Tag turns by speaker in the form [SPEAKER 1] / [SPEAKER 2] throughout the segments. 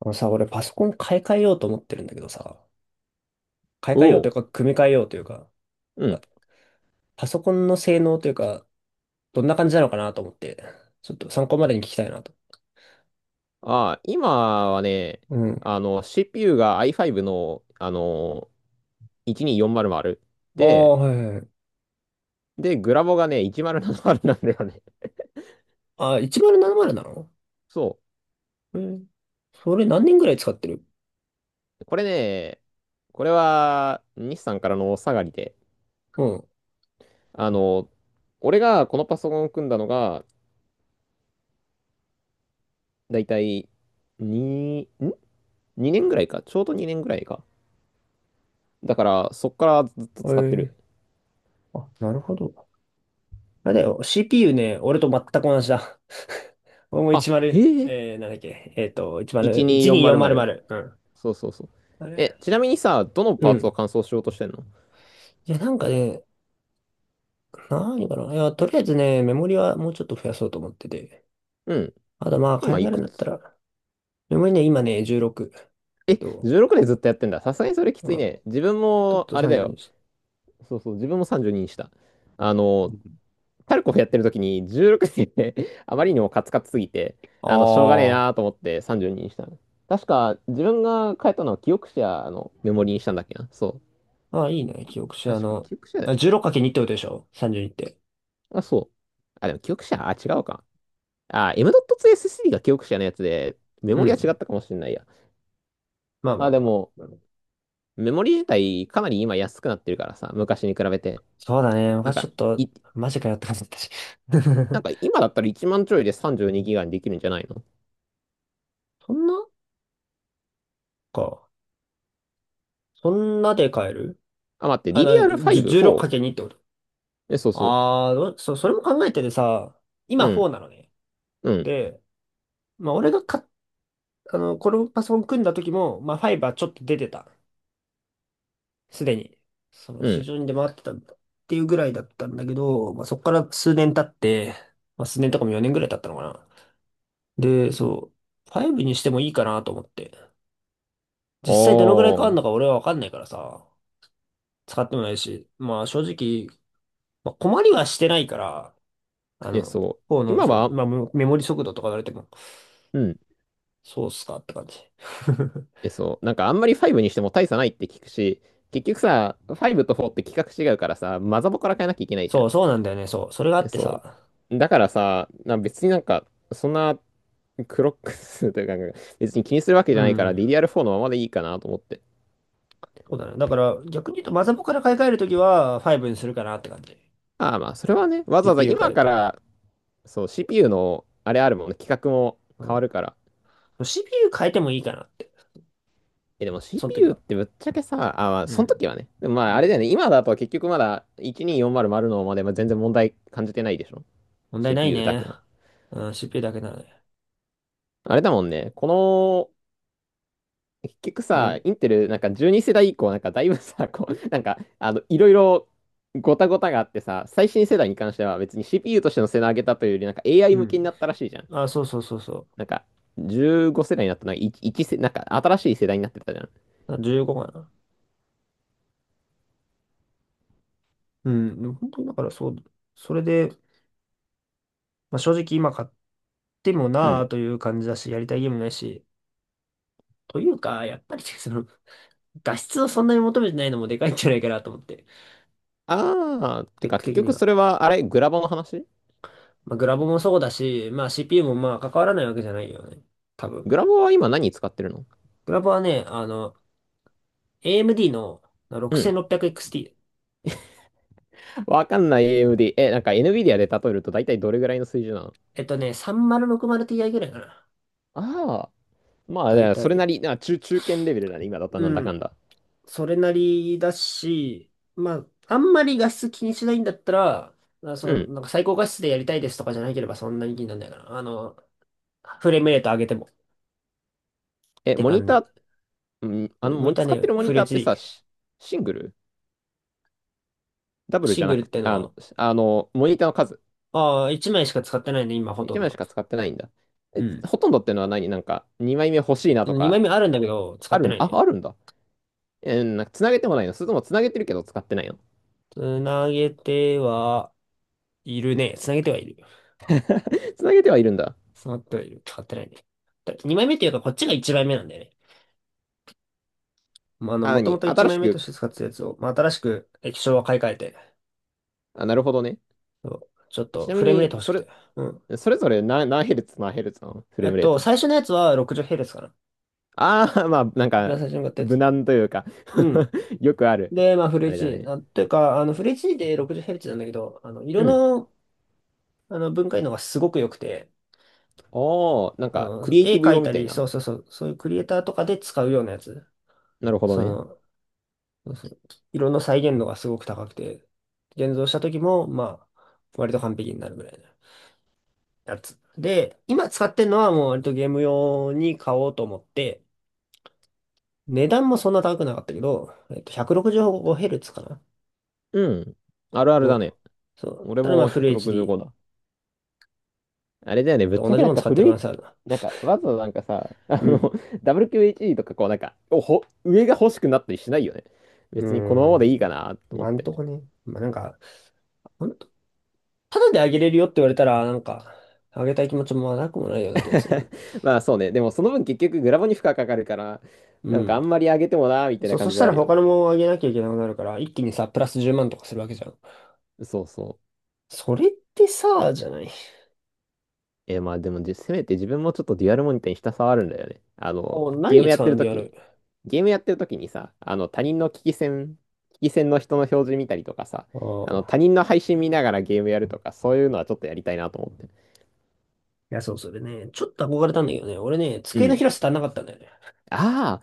[SPEAKER 1] あのさ、俺パソコン買い替えようと思ってるんだけどさ、買い
[SPEAKER 2] お
[SPEAKER 1] 替えようという
[SPEAKER 2] お、
[SPEAKER 1] か、組み替えようというか、
[SPEAKER 2] う
[SPEAKER 1] まあ
[SPEAKER 2] ん。
[SPEAKER 1] パソコンの性能というか、どんな感じなのかなと思って、ちょっと参考までに聞きたいなと。
[SPEAKER 2] 今はね、
[SPEAKER 1] うん。
[SPEAKER 2] CPU が i5 の、12400
[SPEAKER 1] ああ、
[SPEAKER 2] で、
[SPEAKER 1] はいはいはい。
[SPEAKER 2] で、グラボがね、1070ななまるなんだよね。
[SPEAKER 1] あ、1070ななまるなの？
[SPEAKER 2] そ
[SPEAKER 1] えー、それ何年ぐらい使ってる？
[SPEAKER 2] う。これね、これは、日産からのお下がりで、
[SPEAKER 1] うん。
[SPEAKER 2] あの、俺がこのパソコンを組んだのが、だいたい2、ん ?2 年ぐらいか。ちょうど2年ぐらいか。だから、そっからずっと
[SPEAKER 1] え
[SPEAKER 2] 使って
[SPEAKER 1] ー、
[SPEAKER 2] る。
[SPEAKER 1] あ、なるほど。あれだよ、CPU ね、俺と全く同じだ。俺も
[SPEAKER 2] あ、
[SPEAKER 1] 10、
[SPEAKER 2] へえ、
[SPEAKER 1] なんだっけ、10、
[SPEAKER 2] 12400。
[SPEAKER 1] 12400。うん。
[SPEAKER 2] そうそうそう。
[SPEAKER 1] あれ？
[SPEAKER 2] え、ちなみにさ、どの
[SPEAKER 1] う
[SPEAKER 2] パーツを
[SPEAKER 1] ん。
[SPEAKER 2] 完走しようとしてんの？
[SPEAKER 1] いや、なんかね、何かな。いや、とりあえずね、メモリはもうちょっと増やそうと思ってて。
[SPEAKER 2] うん。
[SPEAKER 1] あとまあ、買
[SPEAKER 2] 今
[SPEAKER 1] い替
[SPEAKER 2] い
[SPEAKER 1] えるん
[SPEAKER 2] く
[SPEAKER 1] だった
[SPEAKER 2] つ？
[SPEAKER 1] ら、メモリね、今ね、16
[SPEAKER 2] え、
[SPEAKER 1] と、
[SPEAKER 2] 16でずっとやってんだ。さすがにそれき
[SPEAKER 1] う
[SPEAKER 2] つい
[SPEAKER 1] ん、
[SPEAKER 2] ね。自分
[SPEAKER 1] ちょっ
[SPEAKER 2] も、
[SPEAKER 1] と
[SPEAKER 2] あれだ
[SPEAKER 1] 32
[SPEAKER 2] よ。
[SPEAKER 1] です。
[SPEAKER 2] そうそう、自分も32にした。あ
[SPEAKER 1] う
[SPEAKER 2] の、
[SPEAKER 1] ん。
[SPEAKER 2] タルコフやってる時に16で あまりにもカツカツすぎて、しょうがねえ
[SPEAKER 1] あ
[SPEAKER 2] なーと思って32にしたの。確か、自分が変えたのは記憶者のメモリにしたんだっけな。そう。
[SPEAKER 1] あ、あ、いいね、記憶し、
[SPEAKER 2] 確か、記憶者だよ。
[SPEAKER 1] あ 16×2 ってことでしょ？ 32 って。
[SPEAKER 2] あ、そう。あ、でも記憶者、あ、違うか。あ、M.2 SSD が記憶者のやつで、メ
[SPEAKER 1] う
[SPEAKER 2] モリは違
[SPEAKER 1] ん。
[SPEAKER 2] ったかもしれないや。
[SPEAKER 1] まあま
[SPEAKER 2] ま
[SPEAKER 1] あ
[SPEAKER 2] あ、で
[SPEAKER 1] まあ。
[SPEAKER 2] も、
[SPEAKER 1] うん。
[SPEAKER 2] メモリ自体かなり今安くなってるからさ、昔に比べて。
[SPEAKER 1] そうだね。
[SPEAKER 2] なん
[SPEAKER 1] 昔ち
[SPEAKER 2] か、
[SPEAKER 1] ょっと、
[SPEAKER 2] い、
[SPEAKER 1] マジかよって感じだったし。
[SPEAKER 2] なん か今だったら1万ちょいで32ギガにできるんじゃないの？
[SPEAKER 1] そんなか。そんなで買える？
[SPEAKER 2] あ、待って、DDR5、4？
[SPEAKER 1] 16×2 ってこと？
[SPEAKER 2] え、そうそ
[SPEAKER 1] ああどうそ、それも考えててさ、
[SPEAKER 2] う。
[SPEAKER 1] 今
[SPEAKER 2] うん、
[SPEAKER 1] 4なのね。
[SPEAKER 2] うん、
[SPEAKER 1] で、まあ、俺がか、このパソコン組んだ時も、まあ、ファイバーちょっと出てた。すでに。
[SPEAKER 2] う
[SPEAKER 1] 市
[SPEAKER 2] ん。
[SPEAKER 1] 場に出回ってたんだっていうぐらいだったんだけど、まあ、そこから数年経って、まあ、数年とかも4年ぐらい経ったのかな。で、そう、ファイブにしてもいいかなと思って。実際どのぐらい変わ
[SPEAKER 2] お
[SPEAKER 1] る
[SPEAKER 2] ー。
[SPEAKER 1] のか俺はわかんないからさ、使ってもないし、まあ、正直、まあ、困りはしてないから、
[SPEAKER 2] え、そ
[SPEAKER 1] 方
[SPEAKER 2] う。
[SPEAKER 1] の、
[SPEAKER 2] 今は、
[SPEAKER 1] まあ、メモリ速度とか言われても、
[SPEAKER 2] うん。
[SPEAKER 1] そうっすかって感じ。
[SPEAKER 2] え、そう。なんかあんまり5にしても大差ないって聞くし、結局さ、5と4って規格違うからさ、マザボから変えなきゃいけないじゃ
[SPEAKER 1] そ
[SPEAKER 2] ん。
[SPEAKER 1] う、そうなんだよね、そう。それがあ
[SPEAKER 2] え、
[SPEAKER 1] って
[SPEAKER 2] そ
[SPEAKER 1] さ、
[SPEAKER 2] う。だからさ、別になんか、そんな クロックスというか、別に気にするわけ
[SPEAKER 1] う
[SPEAKER 2] じゃないから
[SPEAKER 1] ん。
[SPEAKER 2] DDR4 のままでいいかなと思って。
[SPEAKER 1] そうだね。だから、逆に言うと、マザコンから買い替えるときは、5にするかなって感じ。
[SPEAKER 2] ああまあ、それはね、わざわざ
[SPEAKER 1] CPU 変え
[SPEAKER 2] 今
[SPEAKER 1] る
[SPEAKER 2] か
[SPEAKER 1] と。
[SPEAKER 2] ら、そう、CPU の、あれあるもんね、規格も変わるから。
[SPEAKER 1] うん。CPU 変えてもいいかなって。
[SPEAKER 2] え、でも
[SPEAKER 1] その時
[SPEAKER 2] CPU っ
[SPEAKER 1] は。
[SPEAKER 2] てぶっちゃけさ、あ、まあ、
[SPEAKER 1] う
[SPEAKER 2] その
[SPEAKER 1] ん。
[SPEAKER 2] 時はね、でもまあ、
[SPEAKER 1] う
[SPEAKER 2] あれだよね、
[SPEAKER 1] ん。
[SPEAKER 2] 今だと結局まだ12400のまるまで全然問題感じてないでしょ？
[SPEAKER 1] 問題ない
[SPEAKER 2] CPU だけ
[SPEAKER 1] ね。
[SPEAKER 2] は。
[SPEAKER 1] うん、CPU だけならね。
[SPEAKER 2] あれだもんね、この結局
[SPEAKER 1] う
[SPEAKER 2] さ、
[SPEAKER 1] ん。
[SPEAKER 2] インテル、なんか12世代以降、なんかだいぶさ、こう、なんか、いろいろごたごたがあってさ、最新世代に関しては別に CPU としての性能上げたというより、なんか AI
[SPEAKER 1] う
[SPEAKER 2] 向け
[SPEAKER 1] ん。
[SPEAKER 2] になったらしいじゃん。
[SPEAKER 1] あ、そうそうそうそ
[SPEAKER 2] なんか、15世代になったな、1、一世、なんか新しい世代になってたじゃん。
[SPEAKER 1] う。あ15かな。うん。でも本当にだからそう。それで、まあ、正直今買っても
[SPEAKER 2] う
[SPEAKER 1] なあ
[SPEAKER 2] ん。
[SPEAKER 1] という感じだし、やりたいゲームないし。というか、やっぱり画質をそんなに求めてないのもでかいんじゃないかなと思って。ス
[SPEAKER 2] て
[SPEAKER 1] ペッ
[SPEAKER 2] か
[SPEAKER 1] ク
[SPEAKER 2] 結
[SPEAKER 1] 的に
[SPEAKER 2] 局
[SPEAKER 1] は。
[SPEAKER 2] それは、あれ、グラボの話？
[SPEAKER 1] まあ、グラボもそうだし、まあ CPU もまあ関わらないわけじゃないよね。多分。
[SPEAKER 2] グラボは今何使ってるの？
[SPEAKER 1] グラボはね、AMD の
[SPEAKER 2] うん。
[SPEAKER 1] 6600XT。
[SPEAKER 2] わかんない AMD。え、なんか NVIDIA で例えると大体どれぐらいの水準なの？
[SPEAKER 1] 3 0 6 0 t ぐらいかな。
[SPEAKER 2] ああー、まあ、
[SPEAKER 1] だ
[SPEAKER 2] じ
[SPEAKER 1] い
[SPEAKER 2] ゃあ
[SPEAKER 1] た
[SPEAKER 2] それな
[SPEAKER 1] い。
[SPEAKER 2] り、中堅レベルだね、今だったらなんだ
[SPEAKER 1] う
[SPEAKER 2] かん
[SPEAKER 1] ん。
[SPEAKER 2] だ。
[SPEAKER 1] それなりだし、まあ、あんまり画質気にしないんだったら、まあ、
[SPEAKER 2] う
[SPEAKER 1] そ
[SPEAKER 2] ん、
[SPEAKER 1] う、なんか最高画質でやりたいですとかじゃなければそんなに気にならないかな。フレームレート上げてもっ
[SPEAKER 2] え、
[SPEAKER 1] て
[SPEAKER 2] モニ
[SPEAKER 1] 感
[SPEAKER 2] タ
[SPEAKER 1] じ。
[SPEAKER 2] ー、うん、
[SPEAKER 1] 見た
[SPEAKER 2] 使って
[SPEAKER 1] ね、
[SPEAKER 2] るモ
[SPEAKER 1] フ
[SPEAKER 2] ニ
[SPEAKER 1] レ
[SPEAKER 2] ター
[SPEAKER 1] ッ
[SPEAKER 2] って
[SPEAKER 1] チ。
[SPEAKER 2] さ、シングルダブル
[SPEAKER 1] シ
[SPEAKER 2] じ
[SPEAKER 1] ン
[SPEAKER 2] ゃ
[SPEAKER 1] グ
[SPEAKER 2] な
[SPEAKER 1] ルっ
[SPEAKER 2] くて、
[SPEAKER 1] てのは、
[SPEAKER 2] モニターの数。
[SPEAKER 1] ああ、1枚しか使ってないね、今ほと
[SPEAKER 2] 1
[SPEAKER 1] ん
[SPEAKER 2] 枚し
[SPEAKER 1] ど。
[SPEAKER 2] か使ってないんだ。
[SPEAKER 1] う
[SPEAKER 2] え、
[SPEAKER 1] ん。
[SPEAKER 2] ほとんどってのは何？なんか、2枚目欲しいなと
[SPEAKER 1] 2枚
[SPEAKER 2] か、
[SPEAKER 1] 目あるんだけど、使
[SPEAKER 2] あ
[SPEAKER 1] って
[SPEAKER 2] る
[SPEAKER 1] な
[SPEAKER 2] ん、
[SPEAKER 1] い
[SPEAKER 2] あ、
[SPEAKER 1] ね。
[SPEAKER 2] あるんだ。なんか、つなげてもないの？それともつなげてるけど使ってないの？
[SPEAKER 1] つなげてはいるね。つなげてはいる。
[SPEAKER 2] つなげてはいるんだ。
[SPEAKER 1] つながってはいる。使ってないね。だ2枚目っていうか、こっちが1枚目なんだよね。まあ、
[SPEAKER 2] あ、
[SPEAKER 1] もとも
[SPEAKER 2] 何
[SPEAKER 1] と1
[SPEAKER 2] 新
[SPEAKER 1] 枚
[SPEAKER 2] し
[SPEAKER 1] 目と
[SPEAKER 2] く、
[SPEAKER 1] して使ってたやつを、まあ、新しく液晶は買い替えて、
[SPEAKER 2] あ、なるほどね。
[SPEAKER 1] そうちょっ
[SPEAKER 2] えち
[SPEAKER 1] と
[SPEAKER 2] な
[SPEAKER 1] フ
[SPEAKER 2] み
[SPEAKER 1] レームレー
[SPEAKER 2] に、
[SPEAKER 1] ト欲し
[SPEAKER 2] そ
[SPEAKER 1] く
[SPEAKER 2] れ、
[SPEAKER 1] て。うん。
[SPEAKER 2] それぞれ何ヘルツ、何ヘルツなの？フレームレート。
[SPEAKER 1] 最初のやつは 60Hz かな。
[SPEAKER 2] ああ、まあ、なん
[SPEAKER 1] 一番
[SPEAKER 2] か、
[SPEAKER 1] 最初に買ったや
[SPEAKER 2] 無
[SPEAKER 1] つ。
[SPEAKER 2] 難というか
[SPEAKER 1] うん。
[SPEAKER 2] よくある。
[SPEAKER 1] で、まあ、フル
[SPEAKER 2] あれだ
[SPEAKER 1] HD。
[SPEAKER 2] ね。
[SPEAKER 1] なんていうか、フル HD で 60Hz なんだけど、
[SPEAKER 2] う
[SPEAKER 1] 色
[SPEAKER 2] ん。
[SPEAKER 1] の、分解能がすごく良くて、
[SPEAKER 2] ああ、なんか、クリエイ
[SPEAKER 1] 絵
[SPEAKER 2] ティブ
[SPEAKER 1] 描
[SPEAKER 2] 用
[SPEAKER 1] い
[SPEAKER 2] み
[SPEAKER 1] た
[SPEAKER 2] たい
[SPEAKER 1] り、
[SPEAKER 2] な。
[SPEAKER 1] そうそうそう、そういうクリエイターとかで使うようなやつ。
[SPEAKER 2] なるほど
[SPEAKER 1] そ
[SPEAKER 2] ね。
[SPEAKER 1] の、そうそう色の再現度がすごく高くて、現像した時も、まあ、割と完璧になるぐらいのやつ。で、今使ってるのはもう割とゲーム用に買おうと思って、値段もそんな高くなかったけど、165Hz かな
[SPEAKER 2] うん。あるあるだ
[SPEAKER 1] の、
[SPEAKER 2] ね。
[SPEAKER 1] そう。
[SPEAKER 2] 俺
[SPEAKER 1] ただまあ、
[SPEAKER 2] も
[SPEAKER 1] フル
[SPEAKER 2] 165
[SPEAKER 1] HD
[SPEAKER 2] だ。あれだよね、ぶっ
[SPEAKER 1] と
[SPEAKER 2] ちゃ
[SPEAKER 1] 同
[SPEAKER 2] け
[SPEAKER 1] じ
[SPEAKER 2] な
[SPEAKER 1] も
[SPEAKER 2] ん
[SPEAKER 1] の
[SPEAKER 2] か
[SPEAKER 1] 使ってる
[SPEAKER 2] 古
[SPEAKER 1] 可能
[SPEAKER 2] い、
[SPEAKER 1] 性あるな。
[SPEAKER 2] なんか、わざわざなんかさ、
[SPEAKER 1] うん。
[SPEAKER 2] WQHD とかこうなんか、上が欲しくなったりしないよね。
[SPEAKER 1] うー
[SPEAKER 2] 別にこのままでいいか
[SPEAKER 1] ん。
[SPEAKER 2] なと思
[SPEAKER 1] ま
[SPEAKER 2] っ
[SPEAKER 1] あん
[SPEAKER 2] て。
[SPEAKER 1] とこね。まあ、なんか、ただであげれるよって言われたら、なんか、あげたい気持ちもなくもないような気がするけど。
[SPEAKER 2] まあそうね、でもその分結局グラボに負荷かかるから、
[SPEAKER 1] う
[SPEAKER 2] なんかあ
[SPEAKER 1] ん。
[SPEAKER 2] んまり上げてもな、みたいな
[SPEAKER 1] そそ
[SPEAKER 2] 感
[SPEAKER 1] し
[SPEAKER 2] じ
[SPEAKER 1] た
[SPEAKER 2] はあ
[SPEAKER 1] ら
[SPEAKER 2] るよね。
[SPEAKER 1] 他のもあげなきゃいけなくなるから、一気にさ、プラス10万とかするわけじゃん。
[SPEAKER 2] そうそう。
[SPEAKER 1] それってさ、じゃない。
[SPEAKER 2] まあでもせめて自分もちょっとデュアルモニターにひたすらあるんだよね。
[SPEAKER 1] もう何に使うんでやる。
[SPEAKER 2] ゲームやってる時にさ、他人の危機戦の人の表示見たりとかさ、
[SPEAKER 1] あ
[SPEAKER 2] 他
[SPEAKER 1] あ。
[SPEAKER 2] 人の配信見ながらゲームやるとか、そういうのはちょっとやりたいなと思って。
[SPEAKER 1] いや、そう、それね、ちょっと憧れたんだけどね、俺ね、
[SPEAKER 2] う
[SPEAKER 1] 机の
[SPEAKER 2] ん。
[SPEAKER 1] 広さ足んなかったんだよね。
[SPEAKER 2] ああ、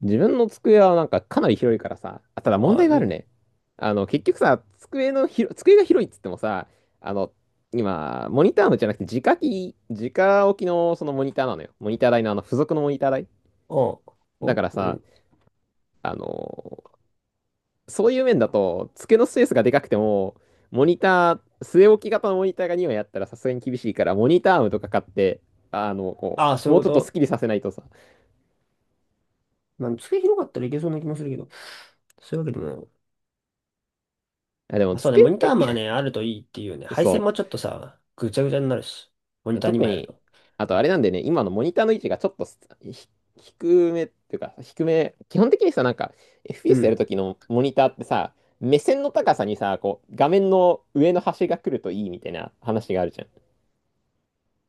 [SPEAKER 2] 自分の机はなんかかなり広いからさ、あただ問
[SPEAKER 1] ああ、い
[SPEAKER 2] 題があ
[SPEAKER 1] い
[SPEAKER 2] る
[SPEAKER 1] ね。
[SPEAKER 2] ね。結局さ、机のひろ、机が広いっつってもさ、あの、今、モニターのじゃなくて、直置きのそのモニターなのよ。モニター台のあの、付属のモニター台。
[SPEAKER 1] ああ、
[SPEAKER 2] だ
[SPEAKER 1] お
[SPEAKER 2] から
[SPEAKER 1] う
[SPEAKER 2] さ、
[SPEAKER 1] ん。
[SPEAKER 2] あの、そういう面だと、机のスペースがでかくても、モニター、据え置き型のモニターが2枚あったらさすがに厳しいから、モニターアームとか買って、こ
[SPEAKER 1] ああ、
[SPEAKER 2] う、
[SPEAKER 1] そうい
[SPEAKER 2] も
[SPEAKER 1] う
[SPEAKER 2] う
[SPEAKER 1] こ
[SPEAKER 2] ちょっとスッ
[SPEAKER 1] と。
[SPEAKER 2] キリさせないとさ。
[SPEAKER 1] まあ、机広かったらいけそうな気もするけど、そういうわけでもない。
[SPEAKER 2] あでも、
[SPEAKER 1] あ、そうね、
[SPEAKER 2] 机
[SPEAKER 1] モ
[SPEAKER 2] っ
[SPEAKER 1] ニター
[SPEAKER 2] て
[SPEAKER 1] もね、あるといいっていうね、配線
[SPEAKER 2] そ
[SPEAKER 1] もちょっとさ、ぐちゃぐちゃになるし、モニ
[SPEAKER 2] う、
[SPEAKER 1] ター
[SPEAKER 2] 特
[SPEAKER 1] 2枚ある
[SPEAKER 2] に、
[SPEAKER 1] と。
[SPEAKER 2] あとあれなんでね、今のモニターの位置がちょっと低めっていうか、低め、基本的にさ、なんか、
[SPEAKER 1] う
[SPEAKER 2] FPS やる
[SPEAKER 1] ん。
[SPEAKER 2] ときのモニターってさ、目線の高さにさ、こう、画面の上の端が来るといいみたいな話があるじゃん。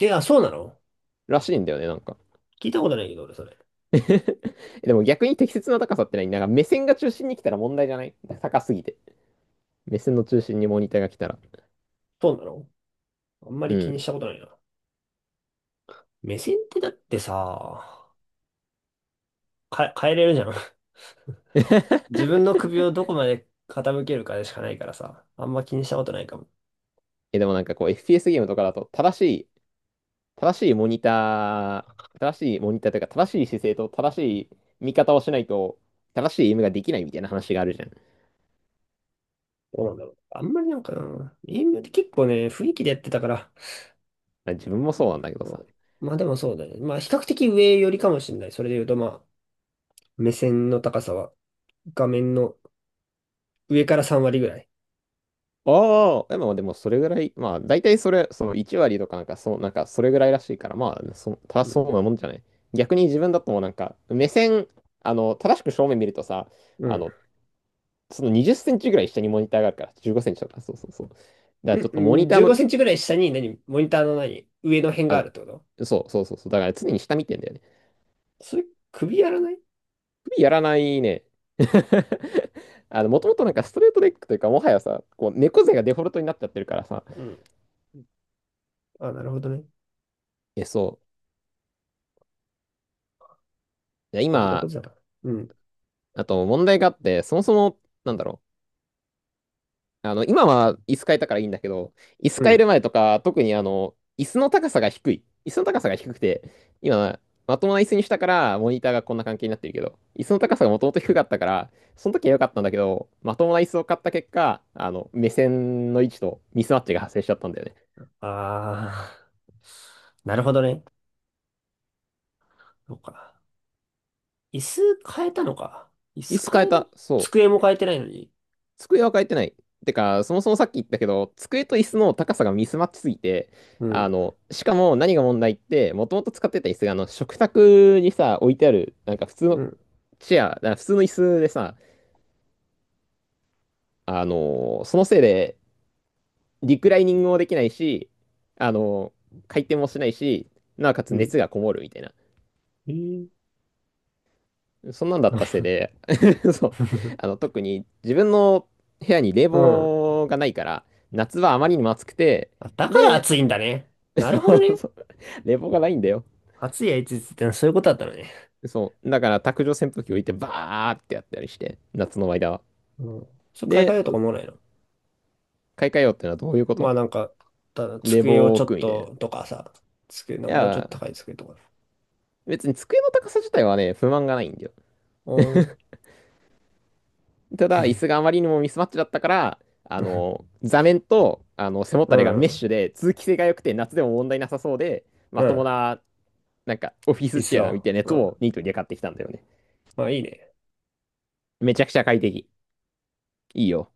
[SPEAKER 1] え、あ、そうなの？
[SPEAKER 2] らしいんだよね、なんか。
[SPEAKER 1] 聞いたことないけど、俺、それ。
[SPEAKER 2] でも逆に適切な高さってない？なんか目線が中心に来たら問題じゃない？高すぎて。目線の中心にモニターが来たら。
[SPEAKER 1] そうなの？あんま
[SPEAKER 2] う
[SPEAKER 1] り気にし
[SPEAKER 2] ん。
[SPEAKER 1] たことないな。目線ってだってさ、変えれるじゃん。自 分の首をどこまで傾けるかでしかないからさ、あんま気にしたことないかも。
[SPEAKER 2] え、でもなんかこう FPS ゲームとかだと正しいモニタ正しいモニターというか正しい姿勢と正しい見方をしないと正しいゲームができないみたいな話があるじゃん。
[SPEAKER 1] どうなんだろう。あんまりなんかな、エイムって結構ね、雰囲気でやってたから、
[SPEAKER 2] 自分もそうなんだけど
[SPEAKER 1] う
[SPEAKER 2] さ。
[SPEAKER 1] ん。まあでもそうだね。まあ比較的上よりかもしれない。それで言うとまあ、目線の高さは画面の上から3割ぐらい。
[SPEAKER 2] ああ、でもそれぐらい、まあ、大体その1割とかなんか、そう、なんか、それぐらいらしいから、まあ、正
[SPEAKER 1] う
[SPEAKER 2] しそう
[SPEAKER 1] ん。
[SPEAKER 2] なもんじゃない。逆に自分だともうなんか、目線、正しく正面見るとさ、
[SPEAKER 1] う
[SPEAKER 2] あ
[SPEAKER 1] ん。
[SPEAKER 2] の、その20センチぐらい下にモニターがあるから、15センチとか、そうそうそう。だからちょっとモ
[SPEAKER 1] ん
[SPEAKER 2] ニター
[SPEAKER 1] 15
[SPEAKER 2] の、
[SPEAKER 1] センチぐらい下に何モニターの何上の辺
[SPEAKER 2] あ
[SPEAKER 1] があ
[SPEAKER 2] の、
[SPEAKER 1] るってこと？
[SPEAKER 2] そうそうそうそう、だから常に下見てんだよね。
[SPEAKER 1] それ、首やらない？
[SPEAKER 2] 首やらないね。もともとなんかストレートレッグというか、もはやさ、こう、猫背がデフォルトになっちゃってるからさ、
[SPEAKER 1] うん。あ、なるほどね。
[SPEAKER 2] え、そう。いや
[SPEAKER 1] そういうこ
[SPEAKER 2] 今、
[SPEAKER 1] とだから。うん。
[SPEAKER 2] あと問題があって、そもそも、なんだろう。今は椅子変えたからいいんだけど、椅子
[SPEAKER 1] う
[SPEAKER 2] 変える
[SPEAKER 1] ん。
[SPEAKER 2] 前とか、特にあの、椅子の高さが低くて、今、まともな椅子にしたから、モニターがこんな関係になってるけど、椅子の高さがもともと低かったから、その時は良かったんだけど、まともな椅子を買った結果、目線の位置とミスマッチが発生しちゃったんだよね。
[SPEAKER 1] ああ。なるほどね。そうか。椅子変えたのか。椅
[SPEAKER 2] 椅
[SPEAKER 1] 子
[SPEAKER 2] 子変え
[SPEAKER 1] 変える？
[SPEAKER 2] た。そう。
[SPEAKER 1] 机も変えてないのに。
[SPEAKER 2] 机は変えてない。てか、そもそもさっき言ったけど、机と椅子の高さがミスマッチすぎて、
[SPEAKER 1] うん。
[SPEAKER 2] しかも何が問題って、もともと使ってた椅子が、あの、食卓にさ、置いてある、
[SPEAKER 1] うん。
[SPEAKER 2] 普通の椅子でさ、そのせいで、リクライニングもできないし、あの、回転もしないし、なおかつ
[SPEAKER 1] うん。
[SPEAKER 2] 熱がこもるみたいな。
[SPEAKER 1] えー
[SPEAKER 2] そんなんだったせいで、そう、特に自分の部屋に冷
[SPEAKER 1] うん。
[SPEAKER 2] 房がないから、夏はあまりにも暑くて、
[SPEAKER 1] あだから
[SPEAKER 2] で、
[SPEAKER 1] 暑いんだね。なるほ
[SPEAKER 2] そ
[SPEAKER 1] ど
[SPEAKER 2] う
[SPEAKER 1] ね。
[SPEAKER 2] そう冷房がないんだよ。
[SPEAKER 1] 暑いやいついつってのはそういうことだったのね。
[SPEAKER 2] そう。だから卓上扇風機置いてバーってやったりして、夏の間は。
[SPEAKER 1] うん。それ買い替え
[SPEAKER 2] で、
[SPEAKER 1] ようとか思わないの？
[SPEAKER 2] 買い替えようってのはどういうこ
[SPEAKER 1] ま
[SPEAKER 2] と？
[SPEAKER 1] あなんか、ただ
[SPEAKER 2] 冷房
[SPEAKER 1] 机を
[SPEAKER 2] を
[SPEAKER 1] ちょ
[SPEAKER 2] 置
[SPEAKER 1] っ
[SPEAKER 2] くみたいな。い
[SPEAKER 1] ととかさ、机のもうちょっと
[SPEAKER 2] や、
[SPEAKER 1] 高い机とか。
[SPEAKER 2] 別に机の高さ自体はね、不満がないんだよ。
[SPEAKER 1] うん。
[SPEAKER 2] ただ、椅子があまりにもミスマッチだったから、座面と、背も
[SPEAKER 1] う
[SPEAKER 2] たれがメッ
[SPEAKER 1] ん。
[SPEAKER 2] シュで、通気性が良くて夏でも問題なさそうで、
[SPEAKER 1] う
[SPEAKER 2] まとも
[SPEAKER 1] ん。
[SPEAKER 2] な、なんか、オフィ
[SPEAKER 1] いっ
[SPEAKER 2] スチェアみ
[SPEAKER 1] そ。
[SPEAKER 2] たいなや
[SPEAKER 1] う
[SPEAKER 2] つ
[SPEAKER 1] ん。
[SPEAKER 2] をニートにで買ってきたんだよね。
[SPEAKER 1] まあいいね。
[SPEAKER 2] めちゃくちゃ快適。いいよ。